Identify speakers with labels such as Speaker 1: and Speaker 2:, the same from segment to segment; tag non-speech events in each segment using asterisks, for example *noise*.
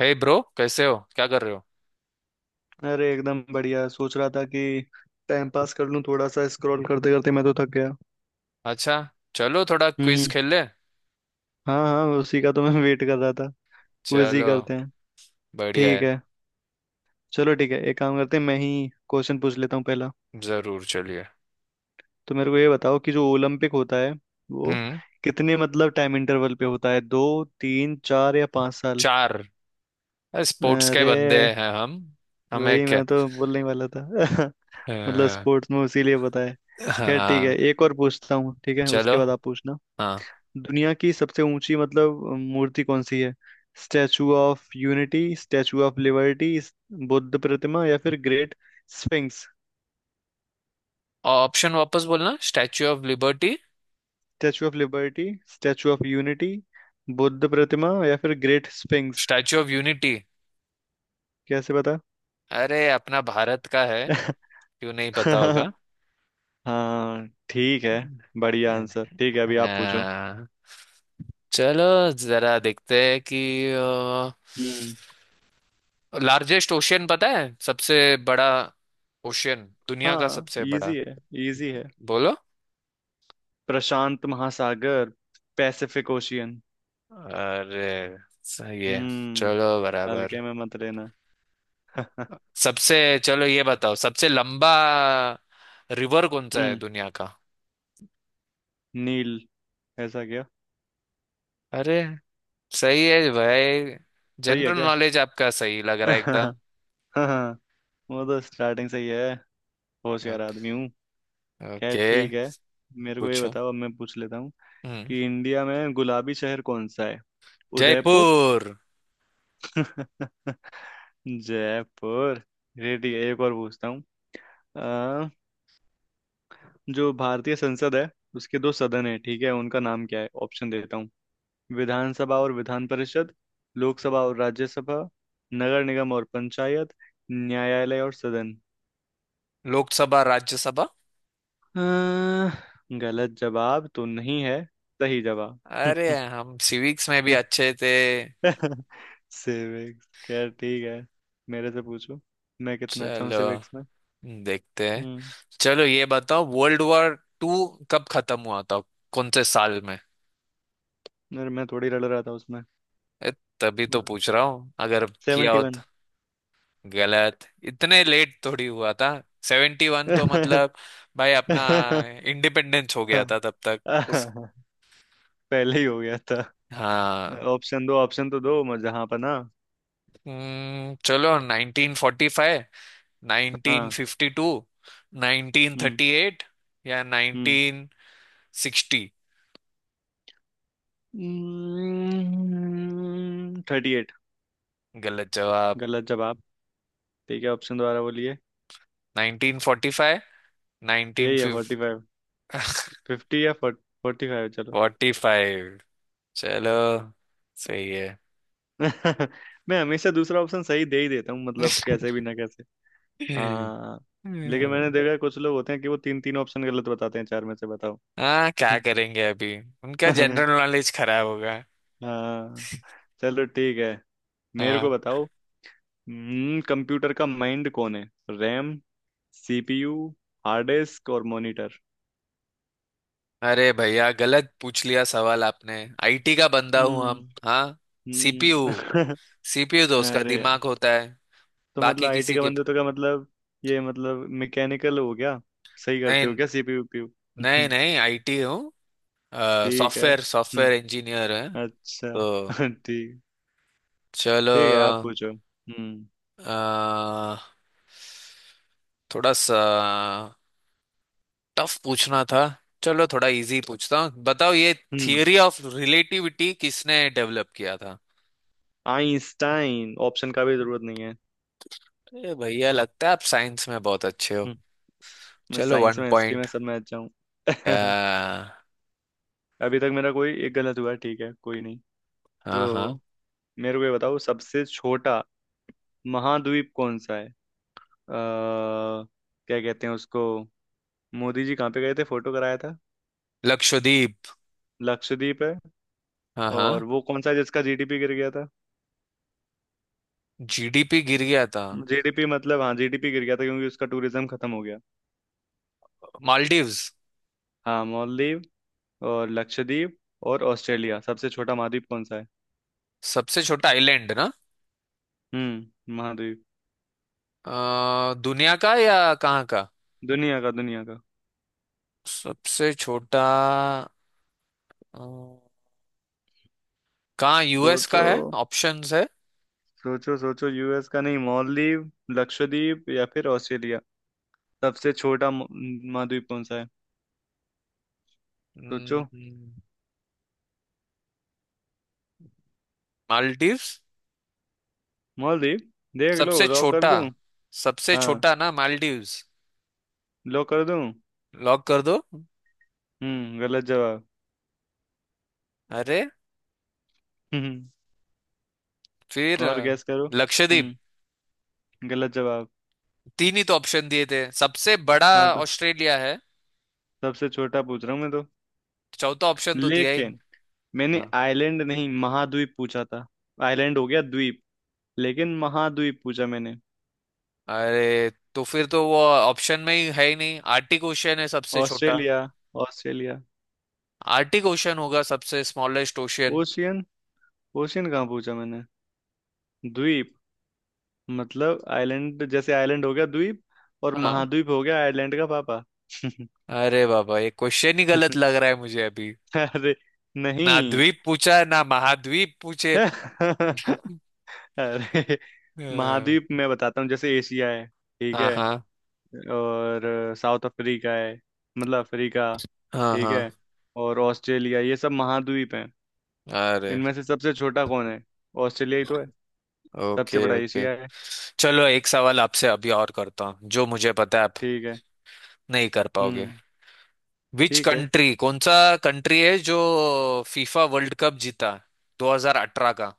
Speaker 1: हे bro, कैसे हो? क्या कर रहे हो?
Speaker 2: अरे एकदम बढ़िया। सोच रहा था कि टाइम पास कर लूं थोड़ा सा। स्क्रॉल करते करते मैं तो थक गया।
Speaker 1: अच्छा। चलो, थोड़ा क्विज
Speaker 2: हम्म।
Speaker 1: खेल ले।
Speaker 2: हाँ हाँ, उसी का तो मैं वेट कर रहा था। क्विज ही
Speaker 1: चलो।
Speaker 2: करते हैं।
Speaker 1: बढ़िया
Speaker 2: ठीक
Speaker 1: है।
Speaker 2: है। चलो ठीक है, एक काम करते हैं। मैं ही क्वेश्चन पूछ लेता हूँ पहला।
Speaker 1: जरूर, चलिए।
Speaker 2: तो मेरे को ये बताओ कि जो ओलंपिक होता है वो
Speaker 1: हम्म।
Speaker 2: कितने मतलब टाइम इंटरवल पे होता है? दो, तीन, चार या पाँच साल?
Speaker 1: चार। स्पोर्ट्स
Speaker 2: अरे,
Speaker 1: के बंदे हैं हम। हमें
Speaker 2: वही
Speaker 1: क्या।
Speaker 2: मैं तो बोलने वाला था। *laughs*
Speaker 1: अ,
Speaker 2: मतलब स्पोर्ट्स में उसीलिए पता है। खैर ठीक
Speaker 1: हाँ।
Speaker 2: है, एक और पूछता हूँ। ठीक है,
Speaker 1: चलो।
Speaker 2: उसके बाद आप पूछना।
Speaker 1: हाँ।
Speaker 2: दुनिया की सबसे ऊंची मतलब मूर्ति कौन सी है? Statue of unity, statue of liberty, बुद्ध प्रतिमा या फिर ग्रेट स्फिंक्स।
Speaker 1: और ऑप्शन वापस बोलना, statue of liberty,
Speaker 2: statue of liberty, statue of unity, बुद्ध प्रतिमा या फिर great sphinx.
Speaker 1: Statue of unity.
Speaker 2: कैसे बता?
Speaker 1: अरे, अपना भारत का है।
Speaker 2: *laughs*
Speaker 1: क्यों नहीं पता होगा।
Speaker 2: हाँ ठीक है, बढ़िया आंसर। ठीक है, अभी आप पूछो।
Speaker 1: अ, चलो। जरा देखते हैं कि
Speaker 2: हम्म।
Speaker 1: लार्जेस्ट ओशियन पता है, सबसे बड़ा ओशियन, दुनिया का
Speaker 2: हाँ,
Speaker 1: सबसे
Speaker 2: इजी
Speaker 1: बड़ा।
Speaker 2: है, इजी है।
Speaker 1: बोलो।
Speaker 2: प्रशांत महासागर, पैसिफिक ओशियन।
Speaker 1: अरे, सही है। चलो,
Speaker 2: हम्म।
Speaker 1: बराबर।
Speaker 2: हल्के में मत लेना। *laughs*
Speaker 1: सबसे चलो, ये बताओ, सबसे लंबा रिवर कौन सा है
Speaker 2: हम्म।
Speaker 1: दुनिया का?
Speaker 2: नील। ऐसा क्या?
Speaker 1: अरे, सही है भाई।
Speaker 2: सही है
Speaker 1: जनरल
Speaker 2: क्या?
Speaker 1: नॉलेज आपका सही लग रहा है
Speaker 2: *laughs*
Speaker 1: एकदम।
Speaker 2: हाँ, वो तो स्टार्टिंग से ही है। होशियार
Speaker 1: ओके,
Speaker 2: आदमी हूँ। खैर
Speaker 1: ओके।
Speaker 2: ठीक है। मेरे को ये
Speaker 1: पूछो।
Speaker 2: बताओ, अब मैं पूछ लेता हूँ
Speaker 1: हम्म।
Speaker 2: कि इंडिया में गुलाबी शहर कौन सा है? उदयपुर।
Speaker 1: जयपुर।
Speaker 2: *laughs* जयपुर। ये ठीक है, एक और पूछता हूँ। अ, जो भारतीय संसद है, उसके दो सदन है, ठीक है? उनका नाम क्या है? ऑप्शन देता हूँ। विधानसभा और विधान परिषद, लोकसभा और राज्यसभा, नगर निगम और पंचायत, न्यायालय और सदन।
Speaker 1: लोकसभा, राज्यसभा।
Speaker 2: गलत जवाब तो नहीं है सही जवाब।
Speaker 1: अरे, हम सिविक्स में भी
Speaker 2: *laughs*
Speaker 1: अच्छे थे।
Speaker 2: सिविक्स। खैर ठीक है, मेरे से पूछो मैं कितना अच्छा हूँ
Speaker 1: चलो,
Speaker 2: सिविक्स में।
Speaker 1: देखते हैं।
Speaker 2: हम्म।
Speaker 1: चलो, ये बताओ, वर्ल्ड वॉर टू कब खत्म हुआ था, कौन से साल में?
Speaker 2: अरे, मैं थोड़ी रल रहा था उसमें।
Speaker 1: ए, तभी तो
Speaker 2: और
Speaker 1: पूछ रहा हूँ, अगर किया
Speaker 2: सेवेंटी
Speaker 1: हो तो।
Speaker 2: वन
Speaker 1: गलत। इतने लेट थोड़ी हुआ था। 71 तो
Speaker 2: *laughs*
Speaker 1: मतलब। भाई, अपना इंडिपेंडेंस हो गया था तब तक। उस
Speaker 2: पहले ही हो गया था।
Speaker 1: हाँ।
Speaker 2: ऑप्शन दो, ऑप्शन तो दो मैं जहाँ पर ना।
Speaker 1: चलो, 1945, नाइनटीन
Speaker 2: हाँ।
Speaker 1: Fifty two nineteen
Speaker 2: hmm.
Speaker 1: Thirty eight या
Speaker 2: हम्म।
Speaker 1: 1960।
Speaker 2: 38।
Speaker 1: गलत जवाब।
Speaker 2: गलत जवाब। ठीक है, ऑप्शन दोबारा बोलिए।
Speaker 1: 1945, नाइनटीन
Speaker 2: यही है, फोर्टी
Speaker 1: फिफ्टी,
Speaker 2: फिफ्टी या 45? चलो।
Speaker 1: 45। चलो। सही है *laughs*
Speaker 2: *laughs* मैं हमेशा दूसरा ऑप्शन सही दे ही देता हूँ मतलब, कैसे भी ना कैसे। हाँ। लेकिन मैंने
Speaker 1: हम्म,
Speaker 2: देखा है कुछ लोग होते हैं कि वो तीन तीन ऑप्शन गलत बताते हैं चार में से, बताओ।
Speaker 1: हाँ, क्या
Speaker 2: *laughs*
Speaker 1: करेंगे अभी। उनका
Speaker 2: हाँ
Speaker 1: जनरल नॉलेज खराब होगा।
Speaker 2: चलो ठीक है, मेरे को
Speaker 1: हाँ।
Speaker 2: बताओ। कंप्यूटर का माइंड कौन है? रैम, सीपीयू, हार्ड डिस्क और मॉनिटर।
Speaker 1: अरे भैया, गलत पूछ लिया सवाल आपने। आईटी का बंदा हूँ
Speaker 2: हम्म।
Speaker 1: हम, हाँ। सीपीयू।
Speaker 2: हम्म। *laughs*
Speaker 1: सीपीयू तो उसका
Speaker 2: अरे यार,
Speaker 1: दिमाग होता है।
Speaker 2: तो मतलब
Speaker 1: बाकी
Speaker 2: आईटी
Speaker 1: किसी
Speaker 2: का
Speaker 1: के।
Speaker 2: बंदे तो का मतलब, ये मतलब मैकेनिकल हो गया। सही करते हो
Speaker 1: नहीं,
Speaker 2: क्या सीपीयू?
Speaker 1: नहीं
Speaker 2: *laughs*
Speaker 1: नहीं, आईटी हूँ।
Speaker 2: ठीक है।
Speaker 1: Software software
Speaker 2: hmm.
Speaker 1: इंजीनियर है।
Speaker 2: अच्छा।
Speaker 1: तो।
Speaker 2: *laughs* ठीक।
Speaker 1: चलो।
Speaker 2: ठीक है, आप पूछो। हम्म।
Speaker 1: अ, थोड़ा सा टफ पूछना था। चलो, थोड़ा इजी पूछता हूँ, बताओ ये।
Speaker 2: हम्म।
Speaker 1: थियरी ऑफ रिलेटिविटी किसने डेवलप किया था?
Speaker 2: आइंस्टाइन, ऑप्शन का भी जरूरत नहीं है।
Speaker 1: अरे भैया, लगता है आप साइंस में बहुत अच्छे हो।
Speaker 2: हम्म, मैं
Speaker 1: चलो,
Speaker 2: साइंस
Speaker 1: वन
Speaker 2: में, हिस्ट्री
Speaker 1: पॉइंट।
Speaker 2: में, सब में अच्छा हूँ। *laughs*
Speaker 1: हाँ।
Speaker 2: अभी तक मेरा कोई एक गलत हुआ है, ठीक है, कोई नहीं। तो
Speaker 1: हाँ,
Speaker 2: मेरे को ये बताओ, सबसे छोटा महाद्वीप कौन सा है? क्या कहते हैं उसको, मोदी जी कहाँ पे गए थे फोटो कराया था?
Speaker 1: लक्षद्वीप।
Speaker 2: लक्षद्वीप है।
Speaker 1: हाँ हाँ।
Speaker 2: और वो कौन सा है जिसका जीडीपी गिर गया था?
Speaker 1: जीडीपी गिर गया था?
Speaker 2: जीडीपी मतलब हाँ, जीडीपी गिर गया था क्योंकि उसका टूरिज्म खत्म हो गया।
Speaker 1: मालदीव्स।
Speaker 2: हाँ, मालदीव और लक्षद्वीप और ऑस्ट्रेलिया, सबसे छोटा महाद्वीप कौन सा है?
Speaker 1: सबसे छोटा आइलैंड ना?
Speaker 2: हम्म, महाद्वीप।
Speaker 1: दुनिया का या कहाँ का?
Speaker 2: दुनिया का, दुनिया का।
Speaker 1: सबसे छोटा। अ, कहाँ, यूएस का
Speaker 2: सोचो,
Speaker 1: है? ऑप्शंस है?
Speaker 2: सोचो, सोचो, यूएस का नहीं। मालदीव, लक्षद्वीप या फिर ऑस्ट्रेलिया, सबसे छोटा महाद्वीप कौन सा है? सोचो।
Speaker 1: हम्म, मालदीव्स।
Speaker 2: मालदीव? देख लो,
Speaker 1: सबसे
Speaker 2: लॉक कर
Speaker 1: छोटा।
Speaker 2: दूं।
Speaker 1: सबसे
Speaker 2: हाँ,
Speaker 1: छोटा ना, मालदीव्स।
Speaker 2: लॉक कर दूं।
Speaker 1: लॉक कर दो।
Speaker 2: हम्म, गलत जवाब।
Speaker 1: अरे।
Speaker 2: *laughs* हम्म,
Speaker 1: फिर
Speaker 2: और गैस करो।
Speaker 1: लक्षद्वीप।
Speaker 2: हम्म, गलत जवाब।
Speaker 1: तीन ही तो ऑप्शन दिए थे, सबसे बड़ा
Speaker 2: हाँ तो
Speaker 1: ऑस्ट्रेलिया है।
Speaker 2: सबसे छोटा पूछ रहा हूँ मैं तो।
Speaker 1: चौथा ऑप्शन तो दिया ही
Speaker 2: लेकिन
Speaker 1: नहीं।
Speaker 2: मैंने
Speaker 1: हाँ।
Speaker 2: आइलैंड नहीं, महाद्वीप पूछा था। आइलैंड हो गया द्वीप, लेकिन महाद्वीप पूछा मैंने।
Speaker 1: अरे, तो फिर तो वो ऑप्शन में ही है ही नहीं। आर्टिक ओशियन है सबसे छोटा।
Speaker 2: Australia, Australia.
Speaker 1: आर्टिक ओशियन होगा, सबसे स्मॉलेस्ट ओशियन।
Speaker 2: ओशियन? ओशियन कहाँ पूछा मैंने? द्वीप, मतलब आइलैंड। जैसे आइलैंड हो गया द्वीप, और
Speaker 1: हाँ।
Speaker 2: महाद्वीप हो गया आइलैंड का पापा। *laughs*
Speaker 1: अरे बाबा, ये क्वेश्चन ही गलत लग रहा है मुझे अभी।
Speaker 2: अरे नहीं।
Speaker 1: ना द्वीप पूछा है, ना महाद्वीप पूछे।
Speaker 2: *laughs* अरे,
Speaker 1: अ,
Speaker 2: महाद्वीप मैं बताता हूँ। जैसे एशिया है, ठीक
Speaker 1: हाँ
Speaker 2: है?
Speaker 1: हाँ,
Speaker 2: और साउथ अफ्रीका है, मतलब अफ्रीका,
Speaker 1: हाँ
Speaker 2: ठीक
Speaker 1: हाँ।
Speaker 2: है? और ऑस्ट्रेलिया, ये सब महाद्वीप हैं।
Speaker 1: अरे।
Speaker 2: इनमें से सबसे छोटा कौन है? ऑस्ट्रेलिया ही तो है।
Speaker 1: ओके,
Speaker 2: सबसे बड़ा
Speaker 1: ओके।
Speaker 2: एशिया है।
Speaker 1: चलो, एक सवाल आपसे अभी और करता हूँ, जो मुझे पता है आप
Speaker 2: ठीक है।
Speaker 1: नहीं कर पाओगे।
Speaker 2: हम्म।
Speaker 1: विच
Speaker 2: ठीक है।
Speaker 1: कंट्री, कौन सा कंट्री है जो फीफा वर्ल्ड कप जीता 2018 का?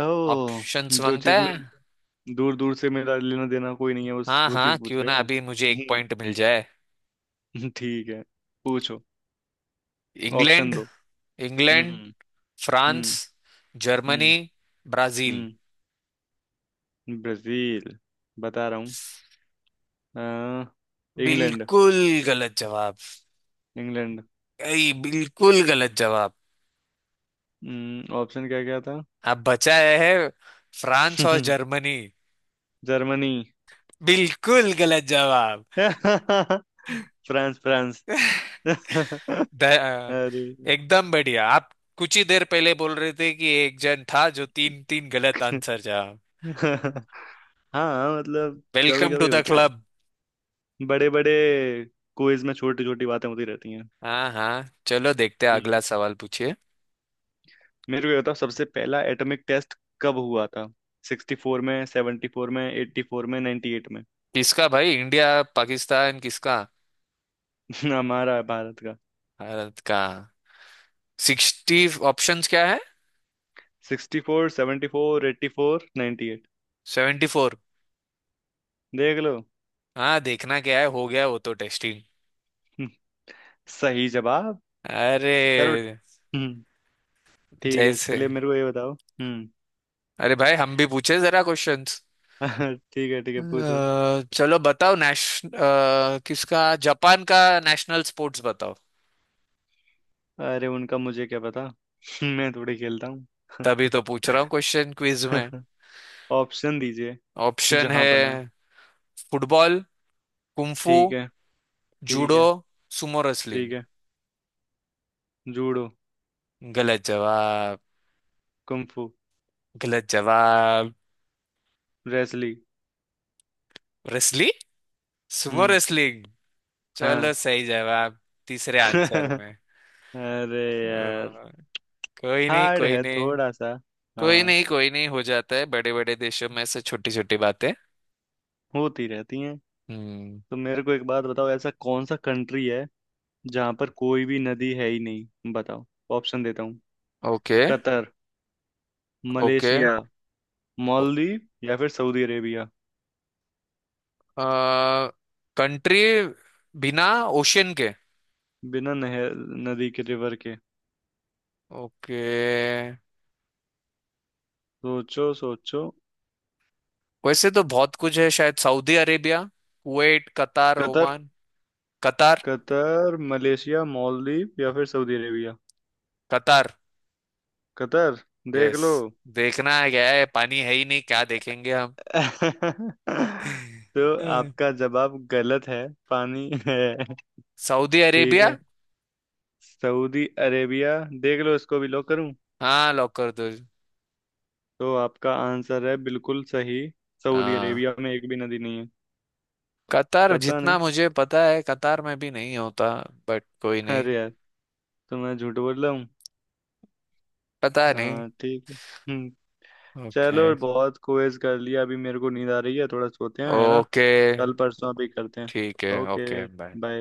Speaker 2: ओह,
Speaker 1: ऑप्शंस
Speaker 2: जो
Speaker 1: मांगता
Speaker 2: चीज में
Speaker 1: है।
Speaker 2: दूर दूर से मेरा लेना देना कोई नहीं है उस,
Speaker 1: हाँ
Speaker 2: वो
Speaker 1: हाँ,
Speaker 2: चीज पूछ
Speaker 1: क्यों
Speaker 2: रहे
Speaker 1: ना
Speaker 2: हो।
Speaker 1: अभी मुझे एक पॉइंट मिल जाए।
Speaker 2: *laughs* ठीक है, पूछो। Option
Speaker 1: England.
Speaker 2: दो।
Speaker 1: इंग्लैंड,
Speaker 2: हम्म। हम्म।
Speaker 1: फ्रांस, जर्मनी,
Speaker 2: हम्म।
Speaker 1: ब्राजील।
Speaker 2: हम्म। ब्राजील, बता रहा हूँ। अ, इंग्लैंड।
Speaker 1: बिल्कुल गलत जवाब।
Speaker 2: इंग्लैंड।
Speaker 1: बिल्कुल गलत जवाब।
Speaker 2: ऑप्शन क्या क्या था?
Speaker 1: अब बचा है फ्रांस और
Speaker 2: *laughs*
Speaker 1: जर्मनी।
Speaker 2: जर्मनी।
Speaker 1: बिल्कुल गलत जवाब।
Speaker 2: France, France. *laughs*
Speaker 1: द-
Speaker 2: अरे।
Speaker 1: एकदम बढ़िया आप। कुछ ही देर पहले बोल रहे थे कि एक जन था जो तीन तीन गलत आंसर
Speaker 2: *laughs*
Speaker 1: जा।
Speaker 2: हाँ मतलब, कभी
Speaker 1: वेलकम टू
Speaker 2: कभी
Speaker 1: द
Speaker 2: होता है।
Speaker 1: क्लब।
Speaker 2: बड़े बड़े क्विज में छोटी छोटी बातें होती रहती हैं।
Speaker 1: हाँ हाँ, चलो देखते हैं।
Speaker 2: ठीक
Speaker 1: अगला
Speaker 2: है,
Speaker 1: सवाल पूछिए।
Speaker 2: मेरे को ये बताओ, सबसे पहला एटॉमिक टेस्ट कब हुआ था? 64 में, 74 में, 84 में, 98 में।
Speaker 1: किसका भाई? इंडिया? पाकिस्तान? किसका?
Speaker 2: *laughs* हमारा, भारत का।
Speaker 1: भारत का। 60। ऑप्शंस क्या है?
Speaker 2: Sixty four, seventy four, eighty four, ninety eight.
Speaker 1: 74।
Speaker 2: देख लो।
Speaker 1: हाँ, देखना क्या है, हो गया वो तो टेस्टिंग।
Speaker 2: हम्म, सही जवाब।
Speaker 1: अरे।
Speaker 2: करो। हम्म, ठीक है
Speaker 1: जैसे।
Speaker 2: चलिए। मेरे को ये बताओ। हम्म।
Speaker 1: अरे भाई, हम भी पूछे जरा क्वेश्चन।
Speaker 2: *laughs* ठीक है, ठीक है, पूछो।
Speaker 1: चलो, बताओ, किसका? जापान का नेशनल स्पोर्ट्स बताओ।
Speaker 2: अरे उनका मुझे क्या पता। *laughs* मैं थोड़ी खेलता हूँ।
Speaker 1: तभी तो पूछ रहा हूँ क्वेश्चन क्विज में।
Speaker 2: *laughs* ऑप्शन दीजिए।
Speaker 1: ऑप्शन
Speaker 2: जहां
Speaker 1: है।
Speaker 2: पना।
Speaker 1: फुटबॉल, कुंफू,
Speaker 2: ठीक है। ठीक
Speaker 1: जूडो,
Speaker 2: है।
Speaker 1: Sumo wrestling.
Speaker 2: ठीक है, जूडो।
Speaker 1: गलत जवाब।
Speaker 2: कुंफू।
Speaker 1: गलत जवाब।
Speaker 2: रेसलिंग।
Speaker 1: रेसली सुमो
Speaker 2: हम्म।
Speaker 1: रेसलिंग।
Speaker 2: हाँ।
Speaker 1: चलो, सही जवाब। तीसरे आंसर
Speaker 2: *laughs*
Speaker 1: में।
Speaker 2: अरे
Speaker 1: अ,
Speaker 2: यार,
Speaker 1: कोई नहीं,
Speaker 2: हार्ड
Speaker 1: कोई
Speaker 2: है
Speaker 1: नहीं।
Speaker 2: थोड़ा सा।
Speaker 1: कोई
Speaker 2: हाँ,
Speaker 1: नहीं, कोई नहीं, हो जाता है, बड़े बड़े देशों में से छोटी छोटी बातें।
Speaker 2: होती रहती हैं।
Speaker 1: हम्म।
Speaker 2: तो मेरे को एक बात बताओ, ऐसा कौन सा कंट्री है जहाँ पर कोई भी नदी है ही नहीं? बताओ, ऑप्शन देता हूँ।
Speaker 1: Okay,
Speaker 2: Qatar,
Speaker 1: okay.
Speaker 2: Malaysia, Maldives या फिर सऊदी अरेबिया।
Speaker 1: कंट्री बिना ओशियन के?
Speaker 2: बिना नहर, नदी के, रिवर के।
Speaker 1: ओके।
Speaker 2: सोचो, सोचो।
Speaker 1: वैसे तो बहुत कुछ है, शायद Saudi Arabia, Kuwait, Qatar,
Speaker 2: Qatar?
Speaker 1: Oman. Qatar.
Speaker 2: Qatar, Malaysia, Maldives या फिर सऊदी अरेबिया।
Speaker 1: कतार।
Speaker 2: कतर? देख
Speaker 1: यस।
Speaker 2: लो।
Speaker 1: देखना है क्या है, पानी है ही नहीं, क्या देखेंगे हम।
Speaker 2: *laughs*
Speaker 1: *laughs*
Speaker 2: तो
Speaker 1: हम्म।
Speaker 2: आपका जवाब गलत है। पानी है।
Speaker 1: सऊदी
Speaker 2: ठीक
Speaker 1: अरेबिया।
Speaker 2: है, सऊदी अरेबिया। देख लो, इसको भी लॉक करूं।
Speaker 1: हाँ, लॉक कर दो।
Speaker 2: तो आपका आंसर है बिल्कुल सही, सऊदी
Speaker 1: हाँ।
Speaker 2: अरेबिया में एक भी नदी नहीं है।
Speaker 1: कतार,
Speaker 2: पता
Speaker 1: जितना
Speaker 2: नहीं।
Speaker 1: मुझे पता है कतार में भी नहीं होता। बट कोई नहीं।
Speaker 2: अरे यार, तो मैं झूठ बोल रहा हूँ।
Speaker 1: पता नहीं।
Speaker 2: हाँ ठीक है। हम्म।
Speaker 1: ओके।
Speaker 2: चलो बहुत क्विज कर लिया, अभी मेरे को नींद आ रही है। थोड़ा सोते हैं, है ना?
Speaker 1: ओके।
Speaker 2: कल परसों भी करते हैं।
Speaker 1: ठीक है,
Speaker 2: ओके,
Speaker 1: ओके, बाय।
Speaker 2: बाय।